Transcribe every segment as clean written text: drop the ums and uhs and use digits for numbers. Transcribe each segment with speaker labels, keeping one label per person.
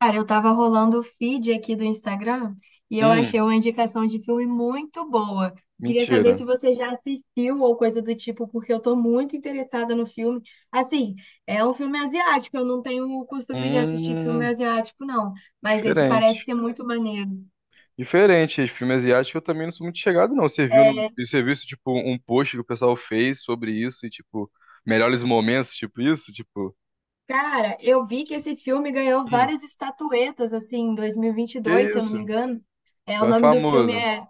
Speaker 1: Cara, eu tava rolando o feed aqui do Instagram e eu achei
Speaker 2: Hum,
Speaker 1: uma indicação de filme muito boa. Queria saber se
Speaker 2: mentira.
Speaker 1: você já assistiu ou coisa do tipo, porque eu tô muito interessada no filme. Assim, é um filme asiático, eu não tenho o costume de assistir filme
Speaker 2: Hum,
Speaker 1: asiático, não, mas esse parece
Speaker 2: diferente.
Speaker 1: ser muito maneiro.
Speaker 2: Diferente, esse filme asiático eu também não sou muito chegado, não. Você viu, no,
Speaker 1: É,
Speaker 2: você viu isso, tipo, um post que o pessoal fez sobre isso e, tipo, melhores momentos, tipo isso? Tipo,
Speaker 1: cara, eu vi que esse filme ganhou
Speaker 2: hum,
Speaker 1: várias estatuetas, assim, em dois, mil e vinte e
Speaker 2: que
Speaker 1: dois, se eu não
Speaker 2: isso?
Speaker 1: me engano. É, o
Speaker 2: Então é
Speaker 1: nome do filme
Speaker 2: famoso.
Speaker 1: é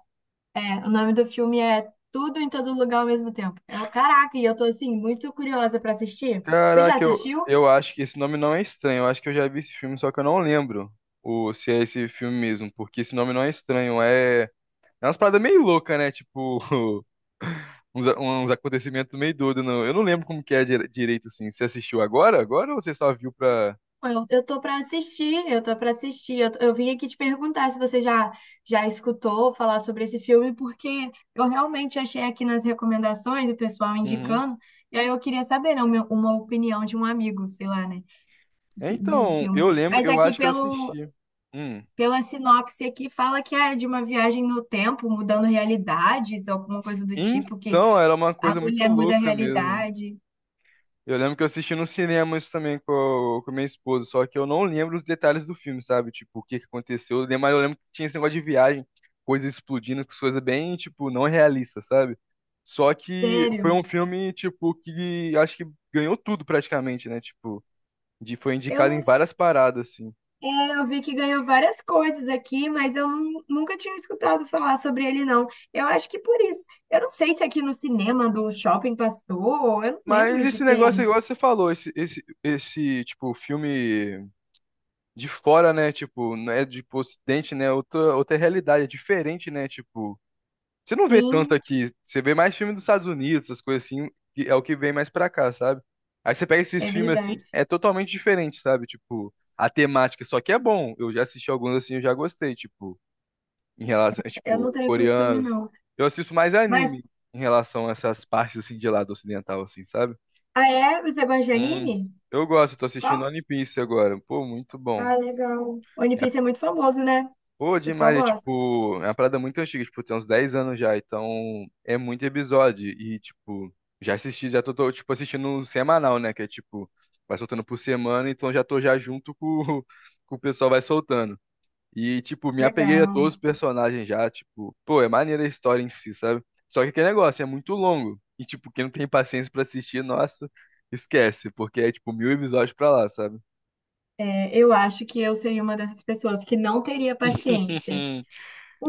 Speaker 1: É, o nome do filme é Tudo em Todo Lugar ao Mesmo Tempo. É o caraca, e eu tô assim muito curiosa pra assistir. Você já
Speaker 2: Caraca, eu,
Speaker 1: assistiu?
Speaker 2: eu acho que esse nome não é estranho. Eu acho que eu já vi esse filme, só que eu não lembro se é esse filme mesmo, porque esse nome não é estranho. É umas paradas meio louca, né? Tipo, uns acontecimentos meio doidos, não. Eu não lembro como que é direito, assim. Você assistiu agora? Agora ou você só viu pra.
Speaker 1: Eu tô pra assistir, eu tô pra assistir. Eu vim aqui te perguntar se você já escutou falar sobre esse filme, porque eu realmente achei aqui nas recomendações o pessoal
Speaker 2: Uhum.
Speaker 1: indicando, e aí eu queria saber, né, uma opinião de um amigo, sei lá, né,
Speaker 2: É,
Speaker 1: do
Speaker 2: Então,
Speaker 1: filme.
Speaker 2: eu lembro,
Speaker 1: Mas
Speaker 2: eu
Speaker 1: aqui
Speaker 2: acho que eu
Speaker 1: pelo
Speaker 2: assisti. Hum.
Speaker 1: Pela sinopse aqui fala que é de uma viagem no tempo, mudando realidades, alguma coisa do tipo que
Speaker 2: Então, era uma
Speaker 1: a
Speaker 2: coisa muito
Speaker 1: mulher muda a
Speaker 2: louca mesmo.
Speaker 1: realidade.
Speaker 2: Eu lembro que eu assisti no cinema isso também com minha esposa, só que eu não lembro os detalhes do filme, sabe? Tipo, o que que aconteceu. Mas eu lembro que tinha esse negócio de viagem, coisa explodindo, coisa bem, tipo, não realista, sabe? Só que foi
Speaker 1: Sério.
Speaker 2: um filme, tipo, que acho que ganhou tudo praticamente, né? Tipo, foi
Speaker 1: Eu
Speaker 2: indicado
Speaker 1: não
Speaker 2: em
Speaker 1: s-
Speaker 2: várias paradas, assim.
Speaker 1: É, eu vi que ganhou várias coisas aqui, mas eu nunca tinha escutado falar sobre ele, não. Eu acho que por isso. Eu não sei se aqui no cinema do shopping passou, eu não
Speaker 2: Mas
Speaker 1: lembro de
Speaker 2: esse negócio,
Speaker 1: ter.
Speaker 2: igual você falou, esse, tipo, filme de fora, né? Tipo, não é de pro ocidente, né? É outra realidade, é diferente, né? Tipo, você não vê tanto
Speaker 1: Sim,
Speaker 2: aqui. Você vê mais filme dos Estados Unidos, essas coisas assim, que é o que vem mais pra cá, sabe? Aí você pega esses
Speaker 1: é
Speaker 2: filmes assim,
Speaker 1: verdade.
Speaker 2: é totalmente diferente, sabe? Tipo, a temática, só que é bom. Eu já assisti alguns assim, eu já gostei, tipo, em relação, é,
Speaker 1: Eu não
Speaker 2: tipo,
Speaker 1: tenho costume,
Speaker 2: coreanos.
Speaker 1: não.
Speaker 2: Eu assisto mais
Speaker 1: Mas,
Speaker 2: anime em relação a essas partes, assim, de lado ocidental, assim, sabe?
Speaker 1: ah, é? Você gosta de
Speaker 2: Hum.
Speaker 1: anime?
Speaker 2: Eu gosto, tô assistindo
Speaker 1: Qual?
Speaker 2: One Piece agora. Pô, muito bom.
Speaker 1: Ah, legal. One
Speaker 2: É,
Speaker 1: Piece é muito famoso, né? O
Speaker 2: pô,
Speaker 1: pessoal
Speaker 2: demais, é
Speaker 1: gosta.
Speaker 2: tipo, é uma parada muito antiga, tipo, tem uns 10 anos já, então é muito episódio. E, tipo, já assisti, já tô, tipo, assistindo um semanal, né? Que é tipo, vai soltando por semana, então já tô já junto com, com o pessoal vai soltando. E, tipo, me apeguei a
Speaker 1: Legal.
Speaker 2: todos os personagens já, tipo, pô, é maneira a história em si, sabe? Só que aquele negócio é muito longo. E, tipo, quem não tem paciência pra assistir, nossa, esquece, porque é, tipo, mil episódios pra lá, sabe?
Speaker 1: É, eu acho que eu seria uma dessas pessoas que não teria paciência.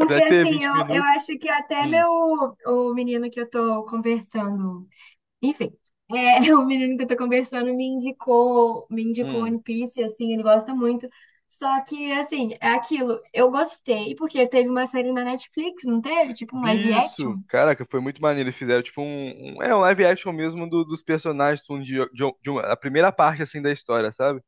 Speaker 2: Apesar de ser
Speaker 1: assim,
Speaker 2: 20
Speaker 1: eu
Speaker 2: minutos.
Speaker 1: acho que até
Speaker 2: Hum,
Speaker 1: meu o menino que eu tô conversando, enfim, é, o menino que eu tô conversando me indicou
Speaker 2: hum.
Speaker 1: One Piece, assim, ele gosta muito. Só que assim, é aquilo, eu gostei porque teve uma série na Netflix, não teve? Tipo um live
Speaker 2: vi
Speaker 1: action.
Speaker 2: Isso, caraca, foi muito maneiro. Eles fizeram tipo um live action mesmo dos personagens de, um- de uma- a primeira parte assim da história, sabe?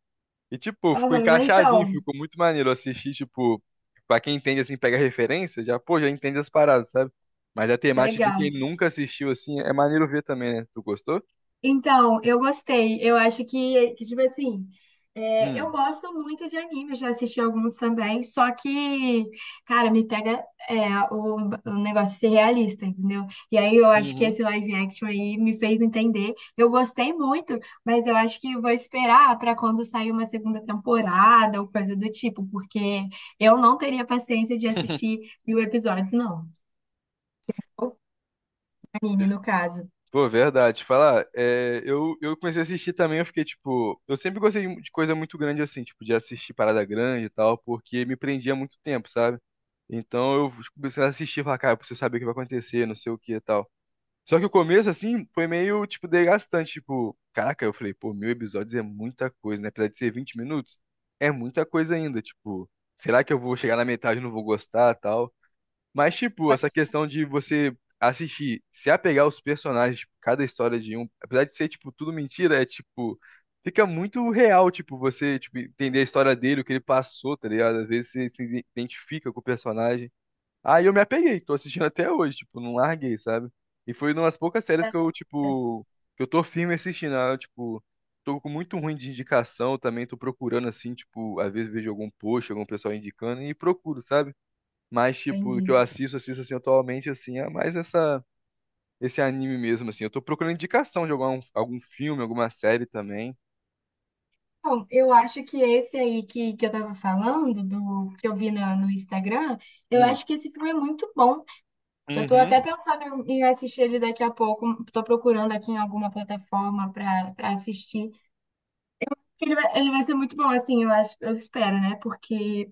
Speaker 2: E, tipo, ficou
Speaker 1: Aham,
Speaker 2: encaixadinho,
Speaker 1: então,
Speaker 2: ficou muito maneiro assistir, tipo, pra quem entende, assim, pega referência, já, pô, já entende as paradas, sabe? Mas a temática de quem
Speaker 1: legal.
Speaker 2: nunca assistiu, assim, é maneiro ver também, né? Tu gostou?
Speaker 1: Então, eu gostei. Eu acho que, tipo assim, é, eu
Speaker 2: Hum.
Speaker 1: gosto muito de anime, já assisti alguns também, só que, cara, me pega é, o negócio de ser realista, entendeu? E aí eu acho que
Speaker 2: Uhum.
Speaker 1: esse live action aí me fez entender. Eu gostei muito, mas eu acho que eu vou esperar para quando sair uma segunda temporada ou coisa do tipo, porque eu não teria paciência de assistir 1000 episódios, não. Ou anime, no caso.
Speaker 2: Pô, verdade. Falar, é, eu comecei a assistir também, eu fiquei, tipo, eu sempre gostei de coisa muito grande, assim, tipo, de assistir parada grande e tal, porque me prendia muito tempo, sabe? Então eu comecei a assistir, e falar, cara, eu preciso saber o que vai acontecer, não sei o que e tal. Só que o começo, assim, foi meio, tipo, desgastante. Tipo, caraca, eu falei, pô, mil episódios é muita coisa, né? Apesar de ser 20 minutos, é muita coisa ainda. Tipo, será que eu vou chegar na metade e não vou gostar tal? Mas, tipo, essa questão de você assistir, se apegar aos personagens, tipo, cada história de um, apesar de ser, tipo, tudo mentira, é, tipo, fica muito real, tipo, você, tipo, entender a história dele, o que ele passou, tá ligado? Às vezes você se identifica com o personagem. Aí eu me apeguei, tô assistindo até hoje, tipo, não larguei, sabe? E foi uma das poucas séries que eu tô firme assistindo. Ah, eu, tipo, tô com muito ruim de indicação também, tô procurando assim, tipo, às vezes vejo algum post, algum pessoal indicando e procuro, sabe? Mas, tipo, o que
Speaker 1: Entendi.
Speaker 2: eu assisto assim atualmente, assim, é mais essa, esse anime mesmo, assim. Eu tô procurando indicação de algum filme, alguma série também.
Speaker 1: Então, eu acho que esse aí que eu tava falando, do que eu vi no Instagram, eu
Speaker 2: Hum,
Speaker 1: acho que esse filme é muito bom. Eu tô até
Speaker 2: uhum,
Speaker 1: pensando em assistir ele daqui a pouco. Tô procurando aqui em alguma plataforma para pra assistir. Ele vai ser muito bom, assim, eu acho, eu espero, né? Porque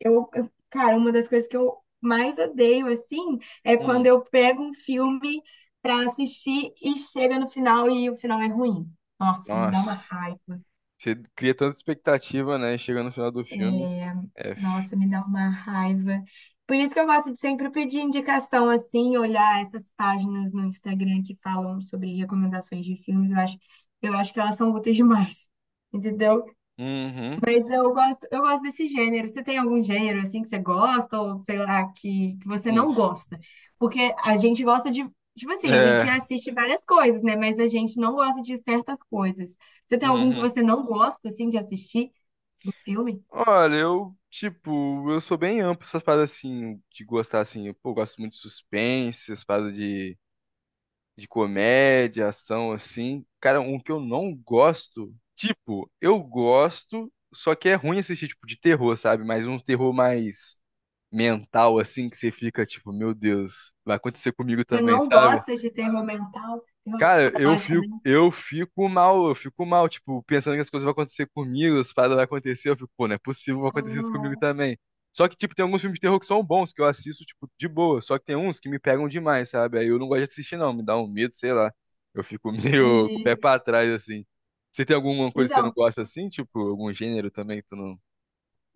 Speaker 1: cara, uma das coisas que eu mais odeio, assim, é quando
Speaker 2: hum.
Speaker 1: eu pego um filme para assistir e chega no final e o final é ruim. Nossa, me dá uma
Speaker 2: Nossa,
Speaker 1: raiva.
Speaker 2: você cria tanta expectativa, né? Chega no final do filme. F.
Speaker 1: Nossa, me dá uma raiva. Por isso que eu gosto de sempre pedir indicação assim, olhar essas páginas no Instagram que falam sobre recomendações de filmes, eu acho que elas são úteis demais. Entendeu?
Speaker 2: Uhum.
Speaker 1: Mas eu gosto desse gênero. Você tem algum gênero assim que você gosta ou sei lá que você
Speaker 2: Hum,
Speaker 1: não gosta? Porque a gente gosta de, tipo assim, a gente
Speaker 2: É.
Speaker 1: assiste várias coisas, né? Mas a gente não gosta de certas coisas. Você tem algum que
Speaker 2: Uhum.
Speaker 1: você não gosta assim de assistir no filme?
Speaker 2: Olha, eu sou bem amplo essas paradas assim, de gostar assim. Eu, pô, gosto muito de suspense, essas paradas de, comédia, ação, assim. Cara, um que eu não gosto, tipo, eu gosto, só que é ruim assistir, tipo, de terror, sabe? Mas um terror mais mental, assim, que você fica, tipo, meu Deus, vai acontecer comigo
Speaker 1: Você
Speaker 2: também,
Speaker 1: não
Speaker 2: sabe?
Speaker 1: gosta de terror mental, terror
Speaker 2: Cara,
Speaker 1: psicológico, né?
Speaker 2: eu fico mal, tipo, pensando que as coisas vão acontecer comigo, as paradas vão acontecer, eu fico, pô, não é possível, vai acontecer isso comigo
Speaker 1: Ah,
Speaker 2: também. Só que, tipo, tem alguns filmes de terror que são bons, que eu assisto, tipo, de boa, só que tem uns que me pegam demais, sabe? Aí eu não gosto de assistir, não, me dá um medo, sei lá. Eu fico meio com o pé
Speaker 1: entendi.
Speaker 2: pra trás, assim. Você tem alguma coisa que você não
Speaker 1: Então,
Speaker 2: gosta assim, tipo, algum gênero também que tu não, tu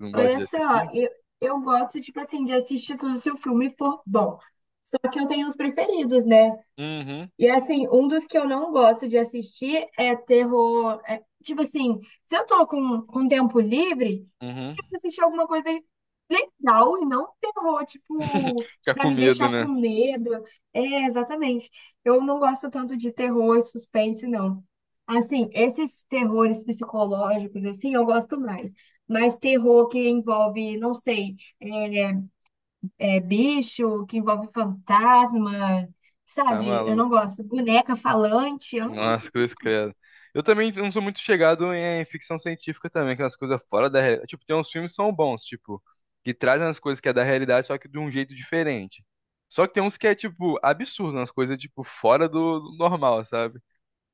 Speaker 2: não gosta
Speaker 1: olha
Speaker 2: de
Speaker 1: só,
Speaker 2: assistir?
Speaker 1: eu, eu gosto, tipo assim, de assistir tudo se o filme for bom. Só que eu tenho os preferidos, né?
Speaker 2: Uhum,
Speaker 1: E assim, um dos que eu não gosto de assistir é terror. É, tipo assim, se eu tô com tempo livre,
Speaker 2: uhum.
Speaker 1: quero assistir alguma coisa legal e não terror, tipo,
Speaker 2: Fica
Speaker 1: pra
Speaker 2: com
Speaker 1: me
Speaker 2: medo,
Speaker 1: deixar com
Speaker 2: né?
Speaker 1: medo. É, exatamente. Eu não gosto tanto de terror e suspense, não. Assim, esses terrores psicológicos, assim, eu gosto mais. Mas terror que envolve, não sei, é, bicho, que envolve fantasma,
Speaker 2: Tá
Speaker 1: sabe? Eu não
Speaker 2: maluco.
Speaker 1: gosto. Boneca falante, eu não gosto.
Speaker 2: Nossa,
Speaker 1: Dessas
Speaker 2: cruz
Speaker 1: coisas.
Speaker 2: credo. Eu também não sou muito chegado em ficção científica também, aquelas coisas fora da realidade. Tipo, tem uns filmes que são bons, tipo, que trazem as coisas que é da realidade, só que de um jeito diferente. Só que tem uns que é, tipo, absurdo, umas coisas, tipo, fora do normal, sabe?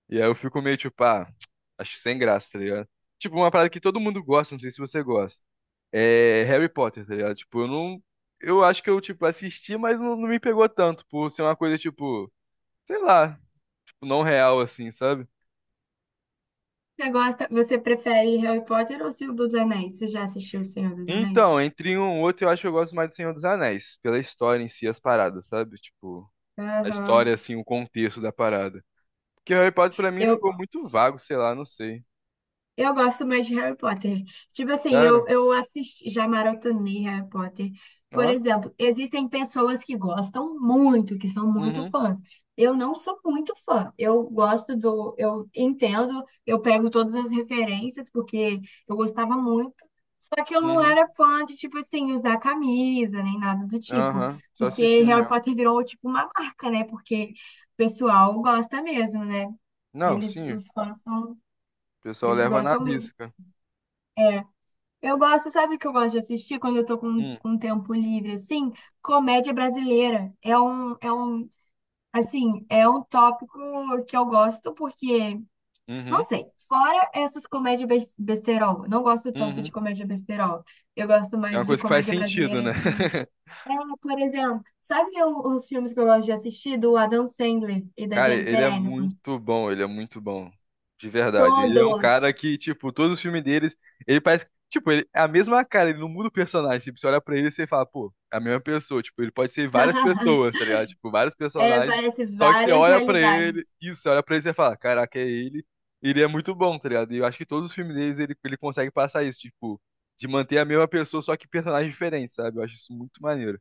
Speaker 2: E aí eu fico meio, tipo, ah, acho que sem graça, tá ligado? Tipo, uma parada que todo mundo gosta, não sei se você gosta. É Harry Potter, tá ligado? Tipo, eu não. Eu acho que eu, tipo, assisti, mas não, não me pegou tanto, por ser uma coisa, tipo, sei lá, tipo, não real, assim, sabe?
Speaker 1: Você gosta, você prefere Harry Potter ou Senhor dos Anéis? Você já assistiu o Senhor dos Anéis?
Speaker 2: Então, entre um e outro, eu acho que eu gosto mais do Senhor dos Anéis, pela história em si, as paradas, sabe? Tipo, a
Speaker 1: Aham.
Speaker 2: história, assim, o contexto da parada. Porque Harry Potter, pra mim,
Speaker 1: Eu,
Speaker 2: ficou muito vago, sei lá, não sei.
Speaker 1: Eu gosto mais de Harry Potter. Tipo assim, eu,
Speaker 2: Sério?
Speaker 1: eu assisti, já maratonei Harry Potter. Por
Speaker 2: Ó?
Speaker 1: exemplo, existem pessoas que gostam muito, que são muito
Speaker 2: Uhum,
Speaker 1: fãs. Eu não sou muito fã. Eu gosto do, eu entendo, eu pego todas as referências, porque eu gostava muito. Só que eu não
Speaker 2: uhum,
Speaker 1: era fã de, tipo assim, usar camisa, nem nada do tipo.
Speaker 2: aham, só
Speaker 1: Porque
Speaker 2: assistir
Speaker 1: Harry
Speaker 2: mesmo.
Speaker 1: Potter virou, tipo, uma marca, né? Porque o pessoal gosta mesmo, né?
Speaker 2: Não,
Speaker 1: Eles,
Speaker 2: sim, o
Speaker 1: os fãs são,
Speaker 2: pessoal
Speaker 1: eles
Speaker 2: leva na
Speaker 1: gostam mesmo.
Speaker 2: risca.
Speaker 1: Eu gosto, sabe o que eu gosto de assistir quando eu tô
Speaker 2: Hum,
Speaker 1: com tempo livre, assim? Comédia brasileira. Assim, é um tópico que eu gosto porque, não
Speaker 2: uhum,
Speaker 1: sei, fora essas comédias besterol, eu não gosto tanto
Speaker 2: uhum.
Speaker 1: de comédia besterol. Eu gosto
Speaker 2: É
Speaker 1: mais
Speaker 2: uma
Speaker 1: de
Speaker 2: coisa que faz
Speaker 1: comédia
Speaker 2: sentido,
Speaker 1: brasileira,
Speaker 2: né?
Speaker 1: assim. É, por exemplo, sabe os filmes que eu gosto de assistir do Adam Sandler e da
Speaker 2: Cara, ele
Speaker 1: Jennifer
Speaker 2: é
Speaker 1: Aniston?
Speaker 2: muito bom, ele é muito bom. De verdade. Ele é um
Speaker 1: Todos!
Speaker 2: cara que, tipo, todos os filmes deles, ele parece, tipo, ele é a mesma cara, ele não muda o personagem. Tipo, você olha pra ele e você fala, pô, é a mesma pessoa. Tipo, ele pode ser várias pessoas, tá ligado? Tipo, vários
Speaker 1: É,
Speaker 2: personagens.
Speaker 1: parece
Speaker 2: Só que você
Speaker 1: várias
Speaker 2: olha pra ele,
Speaker 1: realidades.
Speaker 2: isso, você olha pra ele e você fala, caraca, é ele. Ele é muito bom, tá ligado? E eu acho que todos os filmes deles ele consegue passar isso, tipo, de manter a mesma pessoa, só que personagens diferentes, sabe? Eu acho isso muito maneiro.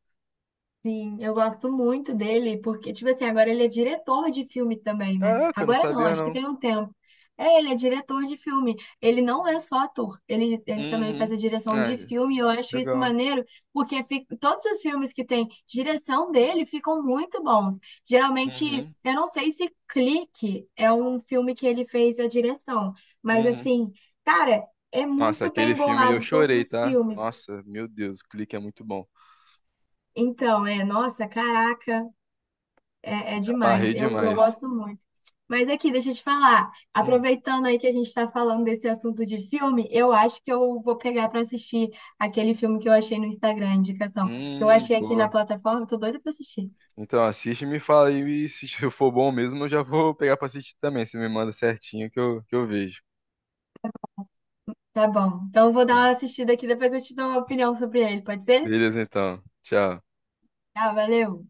Speaker 1: Sim, eu gosto muito dele, porque, tipo assim, agora ele é diretor de filme também, né?
Speaker 2: Caraca, eu não
Speaker 1: Agora não,
Speaker 2: sabia
Speaker 1: acho que
Speaker 2: não.
Speaker 1: tem um tempo. É, ele é diretor de filme. Ele não é só ator, ele também faz
Speaker 2: Uhum.
Speaker 1: a direção
Speaker 2: Ah,
Speaker 1: de filme, e eu acho isso
Speaker 2: legal.
Speaker 1: maneiro, porque todos os filmes que tem direção dele ficam muito bons. Geralmente,
Speaker 2: Uhum.
Speaker 1: eu não sei se Clique é um filme que ele fez a direção, mas
Speaker 2: Uhum.
Speaker 1: assim, cara, é
Speaker 2: Nossa,
Speaker 1: muito
Speaker 2: aquele
Speaker 1: bem
Speaker 2: filme eu
Speaker 1: bolado todos
Speaker 2: chorei,
Speaker 1: os
Speaker 2: tá?
Speaker 1: filmes.
Speaker 2: Nossa, meu Deus, o Clique é muito bom.
Speaker 1: Então, é, nossa, caraca. É, é
Speaker 2: Me
Speaker 1: demais,
Speaker 2: Amarrei
Speaker 1: eu
Speaker 2: demais.
Speaker 1: gosto muito. Mas aqui, deixa eu te falar,
Speaker 2: Hum,
Speaker 1: aproveitando aí que a gente está falando desse assunto de filme, eu acho que eu vou pegar para assistir aquele filme que eu achei no Instagram, indicação, que eu achei aqui na
Speaker 2: boa.
Speaker 1: plataforma, tô doida para assistir.
Speaker 2: Então assiste e me fala aí, e se for bom mesmo, eu já vou pegar pra assistir também. Você me manda certinho que eu vejo.
Speaker 1: Tá bom, então eu vou dar
Speaker 2: Então,
Speaker 1: uma assistida aqui, depois eu te dou uma opinião sobre ele, pode ser?
Speaker 2: beleza, então. Tchau.
Speaker 1: Tá, valeu!